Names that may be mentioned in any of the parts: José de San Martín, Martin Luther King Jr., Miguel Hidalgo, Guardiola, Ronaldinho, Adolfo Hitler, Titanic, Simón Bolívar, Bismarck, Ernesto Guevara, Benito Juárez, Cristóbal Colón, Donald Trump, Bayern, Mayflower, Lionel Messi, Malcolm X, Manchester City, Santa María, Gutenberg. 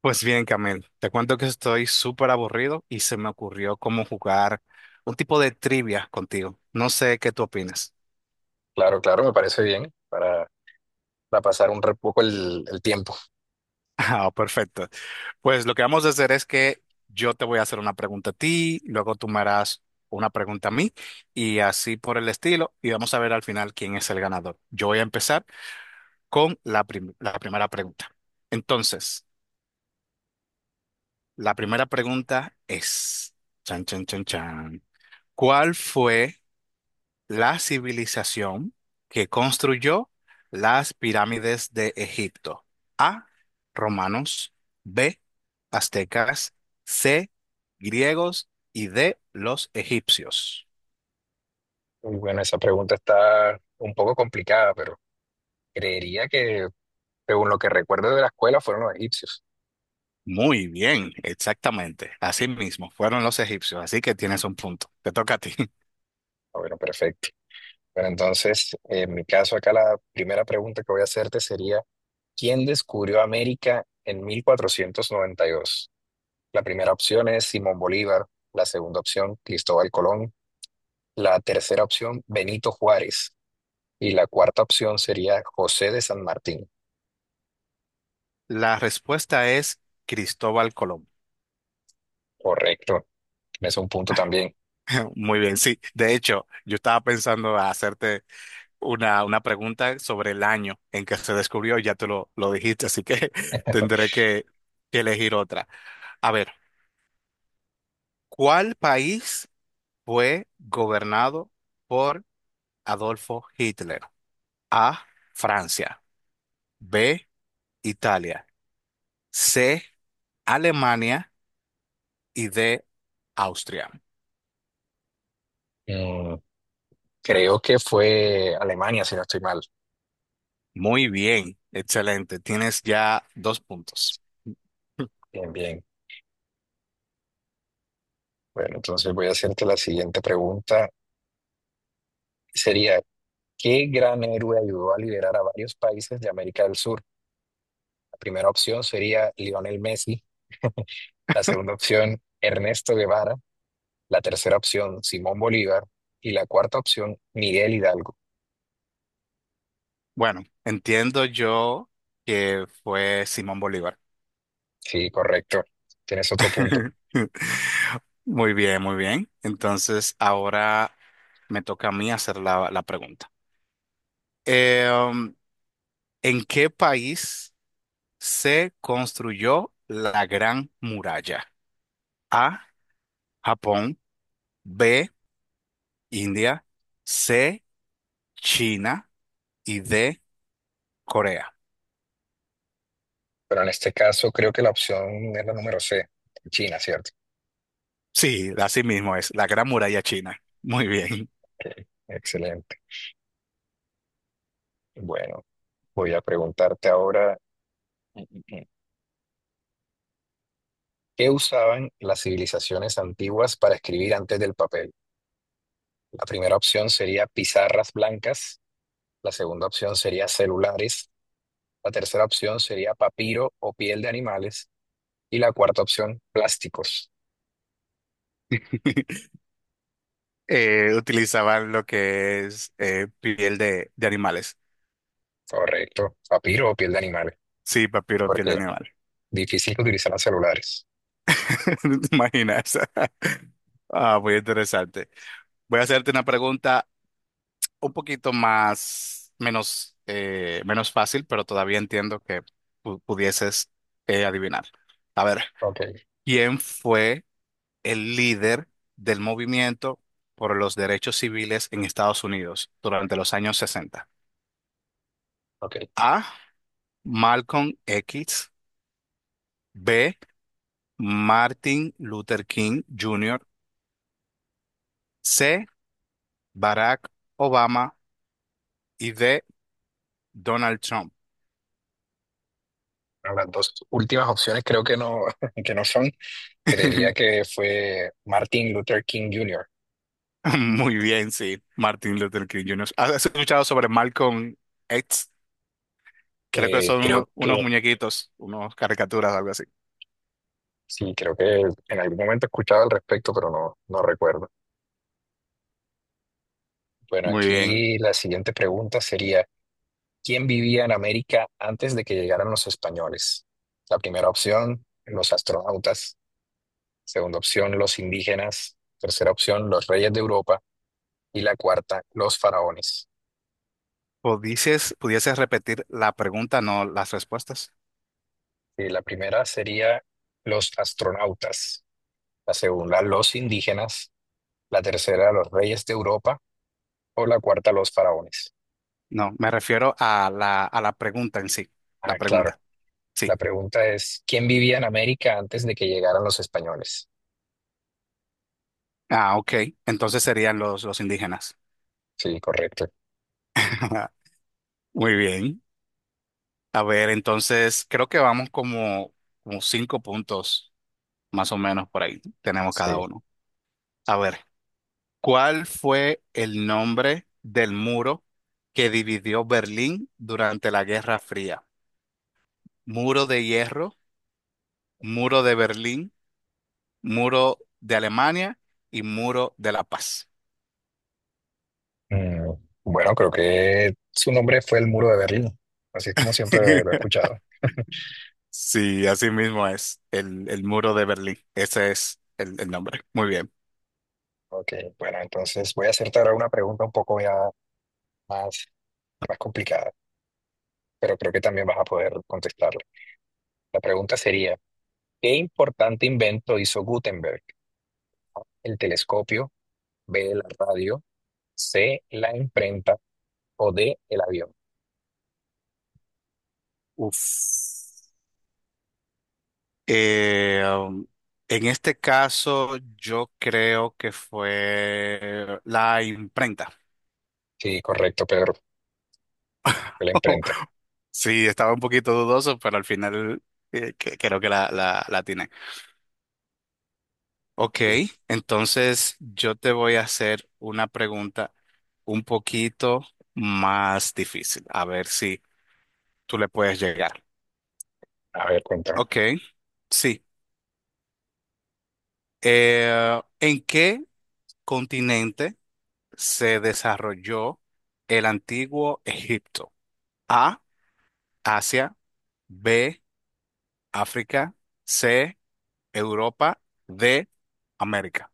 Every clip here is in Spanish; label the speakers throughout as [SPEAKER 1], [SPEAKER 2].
[SPEAKER 1] Pues bien, Camil, te cuento que estoy súper aburrido y se me ocurrió cómo jugar un tipo de trivia contigo. No sé qué tú opinas.
[SPEAKER 2] Claro, claro, me parece bien para pasar un poco el tiempo.
[SPEAKER 1] Ah, perfecto. Pues lo que vamos a hacer es que yo te voy a hacer una pregunta a ti, luego tú me harás una pregunta a mí y así por el estilo. Y vamos a ver al final quién es el ganador. Yo voy a empezar con la primera pregunta. Entonces, la primera pregunta es, chan, chan, chan, chan. ¿Cuál fue la civilización que construyó las pirámides de Egipto? A, romanos, B, aztecas, C, griegos y D, los egipcios.
[SPEAKER 2] Y bueno, esa pregunta está un poco complicada, pero creería que, según lo que recuerdo de la escuela, fueron los egipcios.
[SPEAKER 1] Muy bien, exactamente. Así mismo, fueron los egipcios, así que tienes un punto. Te toca a ti.
[SPEAKER 2] Ah, bueno, perfecto. Bueno, entonces, en mi caso, acá la primera pregunta que voy a hacerte sería, ¿quién descubrió América en 1492? La primera opción es Simón Bolívar, la segunda opción, Cristóbal Colón, la tercera opción, Benito Juárez, y la cuarta opción sería José de San Martín.
[SPEAKER 1] La respuesta es Cristóbal Colón.
[SPEAKER 2] Correcto. Es un punto también.
[SPEAKER 1] Muy bien, sí. De hecho, yo estaba pensando a hacerte una pregunta sobre el año en que se descubrió, ya te lo dijiste, así que tendré que elegir otra. A ver, ¿cuál país fue gobernado por Adolfo Hitler? A, Francia, B, Italia, C, Alemania y D, Austria.
[SPEAKER 2] Mm, creo que fue Alemania, si no estoy mal.
[SPEAKER 1] Muy bien, excelente. Tienes ya dos puntos.
[SPEAKER 2] Bien, bien. Bueno, entonces voy a hacerte la siguiente pregunta. Sería, ¿qué gran héroe ayudó a liberar a varios países de América del Sur? La primera opción sería Lionel Messi, la segunda opción Ernesto Guevara, la tercera opción Simón Bolívar y la cuarta opción Miguel Hidalgo.
[SPEAKER 1] Bueno, entiendo yo que fue Simón Bolívar.
[SPEAKER 2] Sí, correcto. Tienes otro punto.
[SPEAKER 1] Muy bien, muy bien. Entonces, ahora me toca a mí hacer la pregunta. Eh, um, ¿En qué país se construyó la Gran Muralla? A, Japón, B, India, C, China y D, Corea.
[SPEAKER 2] Pero en este caso creo que la opción es la número C, China, ¿cierto?
[SPEAKER 1] Sí, así mismo es, la Gran Muralla China. Muy bien.
[SPEAKER 2] Excelente. Bueno. Voy a preguntarte ahora, mm, mm, mm, ¿qué usaban las civilizaciones antiguas para escribir antes del papel? La primera opción sería pizarras blancas, la segunda opción sería celulares, la tercera opción sería papiro o piel de animales y la cuarta opción, plásticos.
[SPEAKER 1] Utilizaban lo que es piel de animales.
[SPEAKER 2] Correcto, papiro o piel de animales,
[SPEAKER 1] Sí, papiro, piel de
[SPEAKER 2] porque
[SPEAKER 1] animales.
[SPEAKER 2] difícil que utilizaran celulares.
[SPEAKER 1] ¿No te imaginas? Ah, muy interesante. Voy a hacerte una pregunta un poquito más, menos, menos fácil, pero todavía entiendo que pudieses adivinar. A ver,
[SPEAKER 2] Ok,
[SPEAKER 1] ¿quién fue el líder del movimiento por los derechos civiles en Estados Unidos durante los años 60?
[SPEAKER 2] ok.
[SPEAKER 1] A. Malcolm X. B. Martin Luther King Jr. C. Barack Obama. Y D. Donald Trump.
[SPEAKER 2] Bueno, las dos últimas opciones creo que no, que no son. Creería que fue Martin Luther King Jr.
[SPEAKER 1] Muy bien, sí. Martin Luther King Jr. ¿Has escuchado sobre Malcolm X? Creo que son
[SPEAKER 2] Creo
[SPEAKER 1] unos
[SPEAKER 2] que
[SPEAKER 1] muñequitos, unos caricaturas, algo así.
[SPEAKER 2] Sí, creo que en algún momento he escuchado al respecto, pero no, no recuerdo. Bueno,
[SPEAKER 1] Muy bien.
[SPEAKER 2] aquí la siguiente pregunta sería, ¿quién vivía en América antes de que llegaran los españoles? La primera opción, los astronautas. Segunda opción, los indígenas. Tercera opción, los reyes de Europa. Y la cuarta, los faraones.
[SPEAKER 1] ¿Pudieses, pudieses repetir la pregunta, no las respuestas?
[SPEAKER 2] Y la primera sería los astronautas. La segunda, los indígenas. La tercera, los reyes de Europa. O la cuarta, los faraones.
[SPEAKER 1] No, me refiero a la pregunta en sí. La
[SPEAKER 2] Ah, claro.
[SPEAKER 1] pregunta,
[SPEAKER 2] La
[SPEAKER 1] sí.
[SPEAKER 2] pregunta es, ¿quién vivía en América antes de que llegaran los españoles?
[SPEAKER 1] Ah, ok. Entonces serían los indígenas.
[SPEAKER 2] Sí, correcto.
[SPEAKER 1] Muy bien. A ver, entonces creo que vamos como, como cinco puntos más o menos por ahí. Tenemos cada
[SPEAKER 2] Sí.
[SPEAKER 1] uno. A ver, ¿cuál fue el nombre del muro que dividió Berlín durante la Guerra Fría? Muro de hierro, muro de Berlín, muro de Alemania y muro de la paz.
[SPEAKER 2] Mm, bueno, creo que su nombre fue el Muro de Berlín, así es como siempre lo he escuchado.
[SPEAKER 1] Sí, así mismo es el muro de Berlín. Ese es el nombre. Muy bien.
[SPEAKER 2] Ok, bueno, entonces voy a hacerte ahora una pregunta un poco ya más, más complicada, pero creo que también vas a poder contestarla. La pregunta sería, ¿qué importante invento hizo Gutenberg? ¿El telescopio, B, la radio, C, la imprenta o D, el avión?
[SPEAKER 1] Uf. Eh, um, en este caso, yo creo que fue la imprenta.
[SPEAKER 2] Sí, correcto, Pedro, fue la imprenta.
[SPEAKER 1] Sí, estaba un poquito dudoso, pero al final creo que la atiné. Ok,
[SPEAKER 2] Sí.
[SPEAKER 1] entonces yo te voy a hacer una pregunta un poquito más difícil, a ver si tú le puedes llegar.
[SPEAKER 2] A ver, cuéntame.
[SPEAKER 1] Ok, sí. ¿En qué continente se desarrolló el antiguo Egipto? A, Asia, B, África, C, Europa, D, América.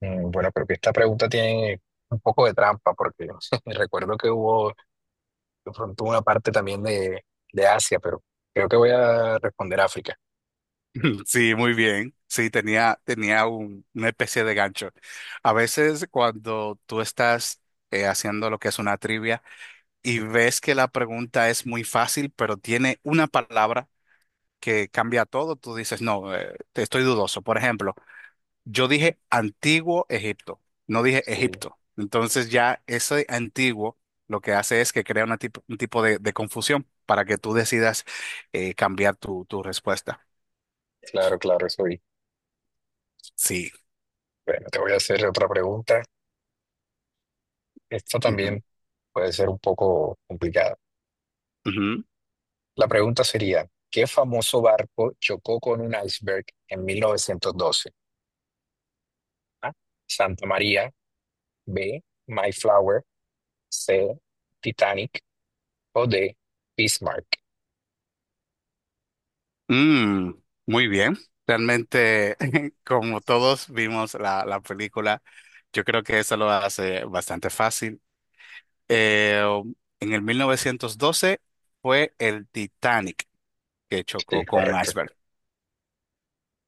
[SPEAKER 2] Bueno, pero que esta pregunta tiene un poco de trampa, porque recuerdo que hubo de pronto una parte también de Asia, pero creo que voy a responder África.
[SPEAKER 1] Sí, muy bien. Sí, tenía una especie de gancho. A veces cuando tú estás haciendo lo que es una trivia y ves que la pregunta es muy fácil, pero tiene una palabra que cambia todo, tú dices, no, te estoy dudoso. Por ejemplo, yo dije antiguo Egipto, no dije
[SPEAKER 2] Sí,
[SPEAKER 1] Egipto. Entonces ya ese antiguo lo que hace es que crea una un tipo de confusión para que tú decidas cambiar tu respuesta.
[SPEAKER 2] claro, claro, eso vi.
[SPEAKER 1] Sí.
[SPEAKER 2] Bueno, te voy a hacer otra pregunta. Esta
[SPEAKER 1] Ujú,
[SPEAKER 2] también puede ser un poco complicada.
[SPEAKER 1] ujú.
[SPEAKER 2] La pregunta sería, ¿qué famoso barco chocó con un iceberg en 1912? A, Santa María, B, Mayflower, C, Titanic o D, Bismarck.
[SPEAKER 1] Mm, muy bien. Realmente, como todos vimos la película, yo creo que eso lo hace bastante fácil. Eh, en el 1912 fue el Titanic que chocó
[SPEAKER 2] Sí,
[SPEAKER 1] con un
[SPEAKER 2] correcto,
[SPEAKER 1] iceberg.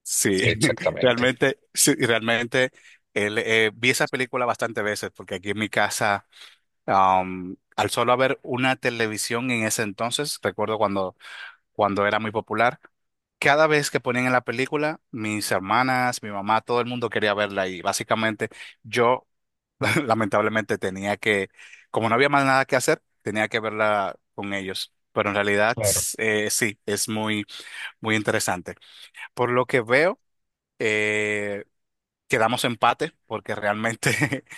[SPEAKER 1] Sí,
[SPEAKER 2] exactamente.
[SPEAKER 1] realmente, sí, realmente vi esa película bastantes veces porque aquí en mi casa, al solo haber una televisión en ese entonces, recuerdo cuando, cuando era muy popular. Cada vez que ponían en la película, mis hermanas, mi mamá, todo el mundo quería verla y básicamente yo lamentablemente tenía que, como no había más nada que hacer, tenía que verla con ellos. Pero en realidad
[SPEAKER 2] Claro.
[SPEAKER 1] sí, es muy, muy interesante. Por lo que veo, eh, quedamos empate porque realmente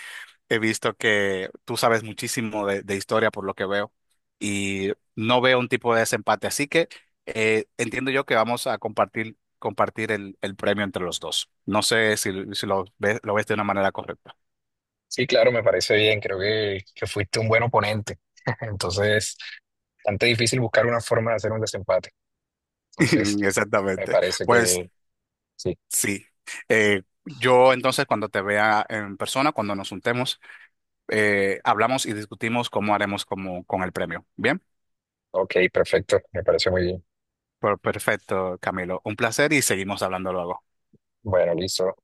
[SPEAKER 1] he visto que tú sabes muchísimo de historia por lo que veo y no veo un tipo de desempate, así que entiendo yo que vamos a compartir, compartir el premio entre los dos. No sé si, si lo ves, lo ves de una manera correcta.
[SPEAKER 2] Sí, claro, me parece bien. Creo que fuiste un buen oponente. Entonces, bastante difícil buscar una forma de hacer un desempate. Entonces, me
[SPEAKER 1] Exactamente.
[SPEAKER 2] parece
[SPEAKER 1] Pues
[SPEAKER 2] que sí.
[SPEAKER 1] sí. Yo entonces cuando te vea en persona, cuando nos juntemos, hablamos y discutimos cómo haremos como, con el premio. Bien,
[SPEAKER 2] Ok, perfecto. Me parece muy bien.
[SPEAKER 1] pues, perfecto, Camilo. Un placer y seguimos hablando luego.
[SPEAKER 2] Bueno, listo.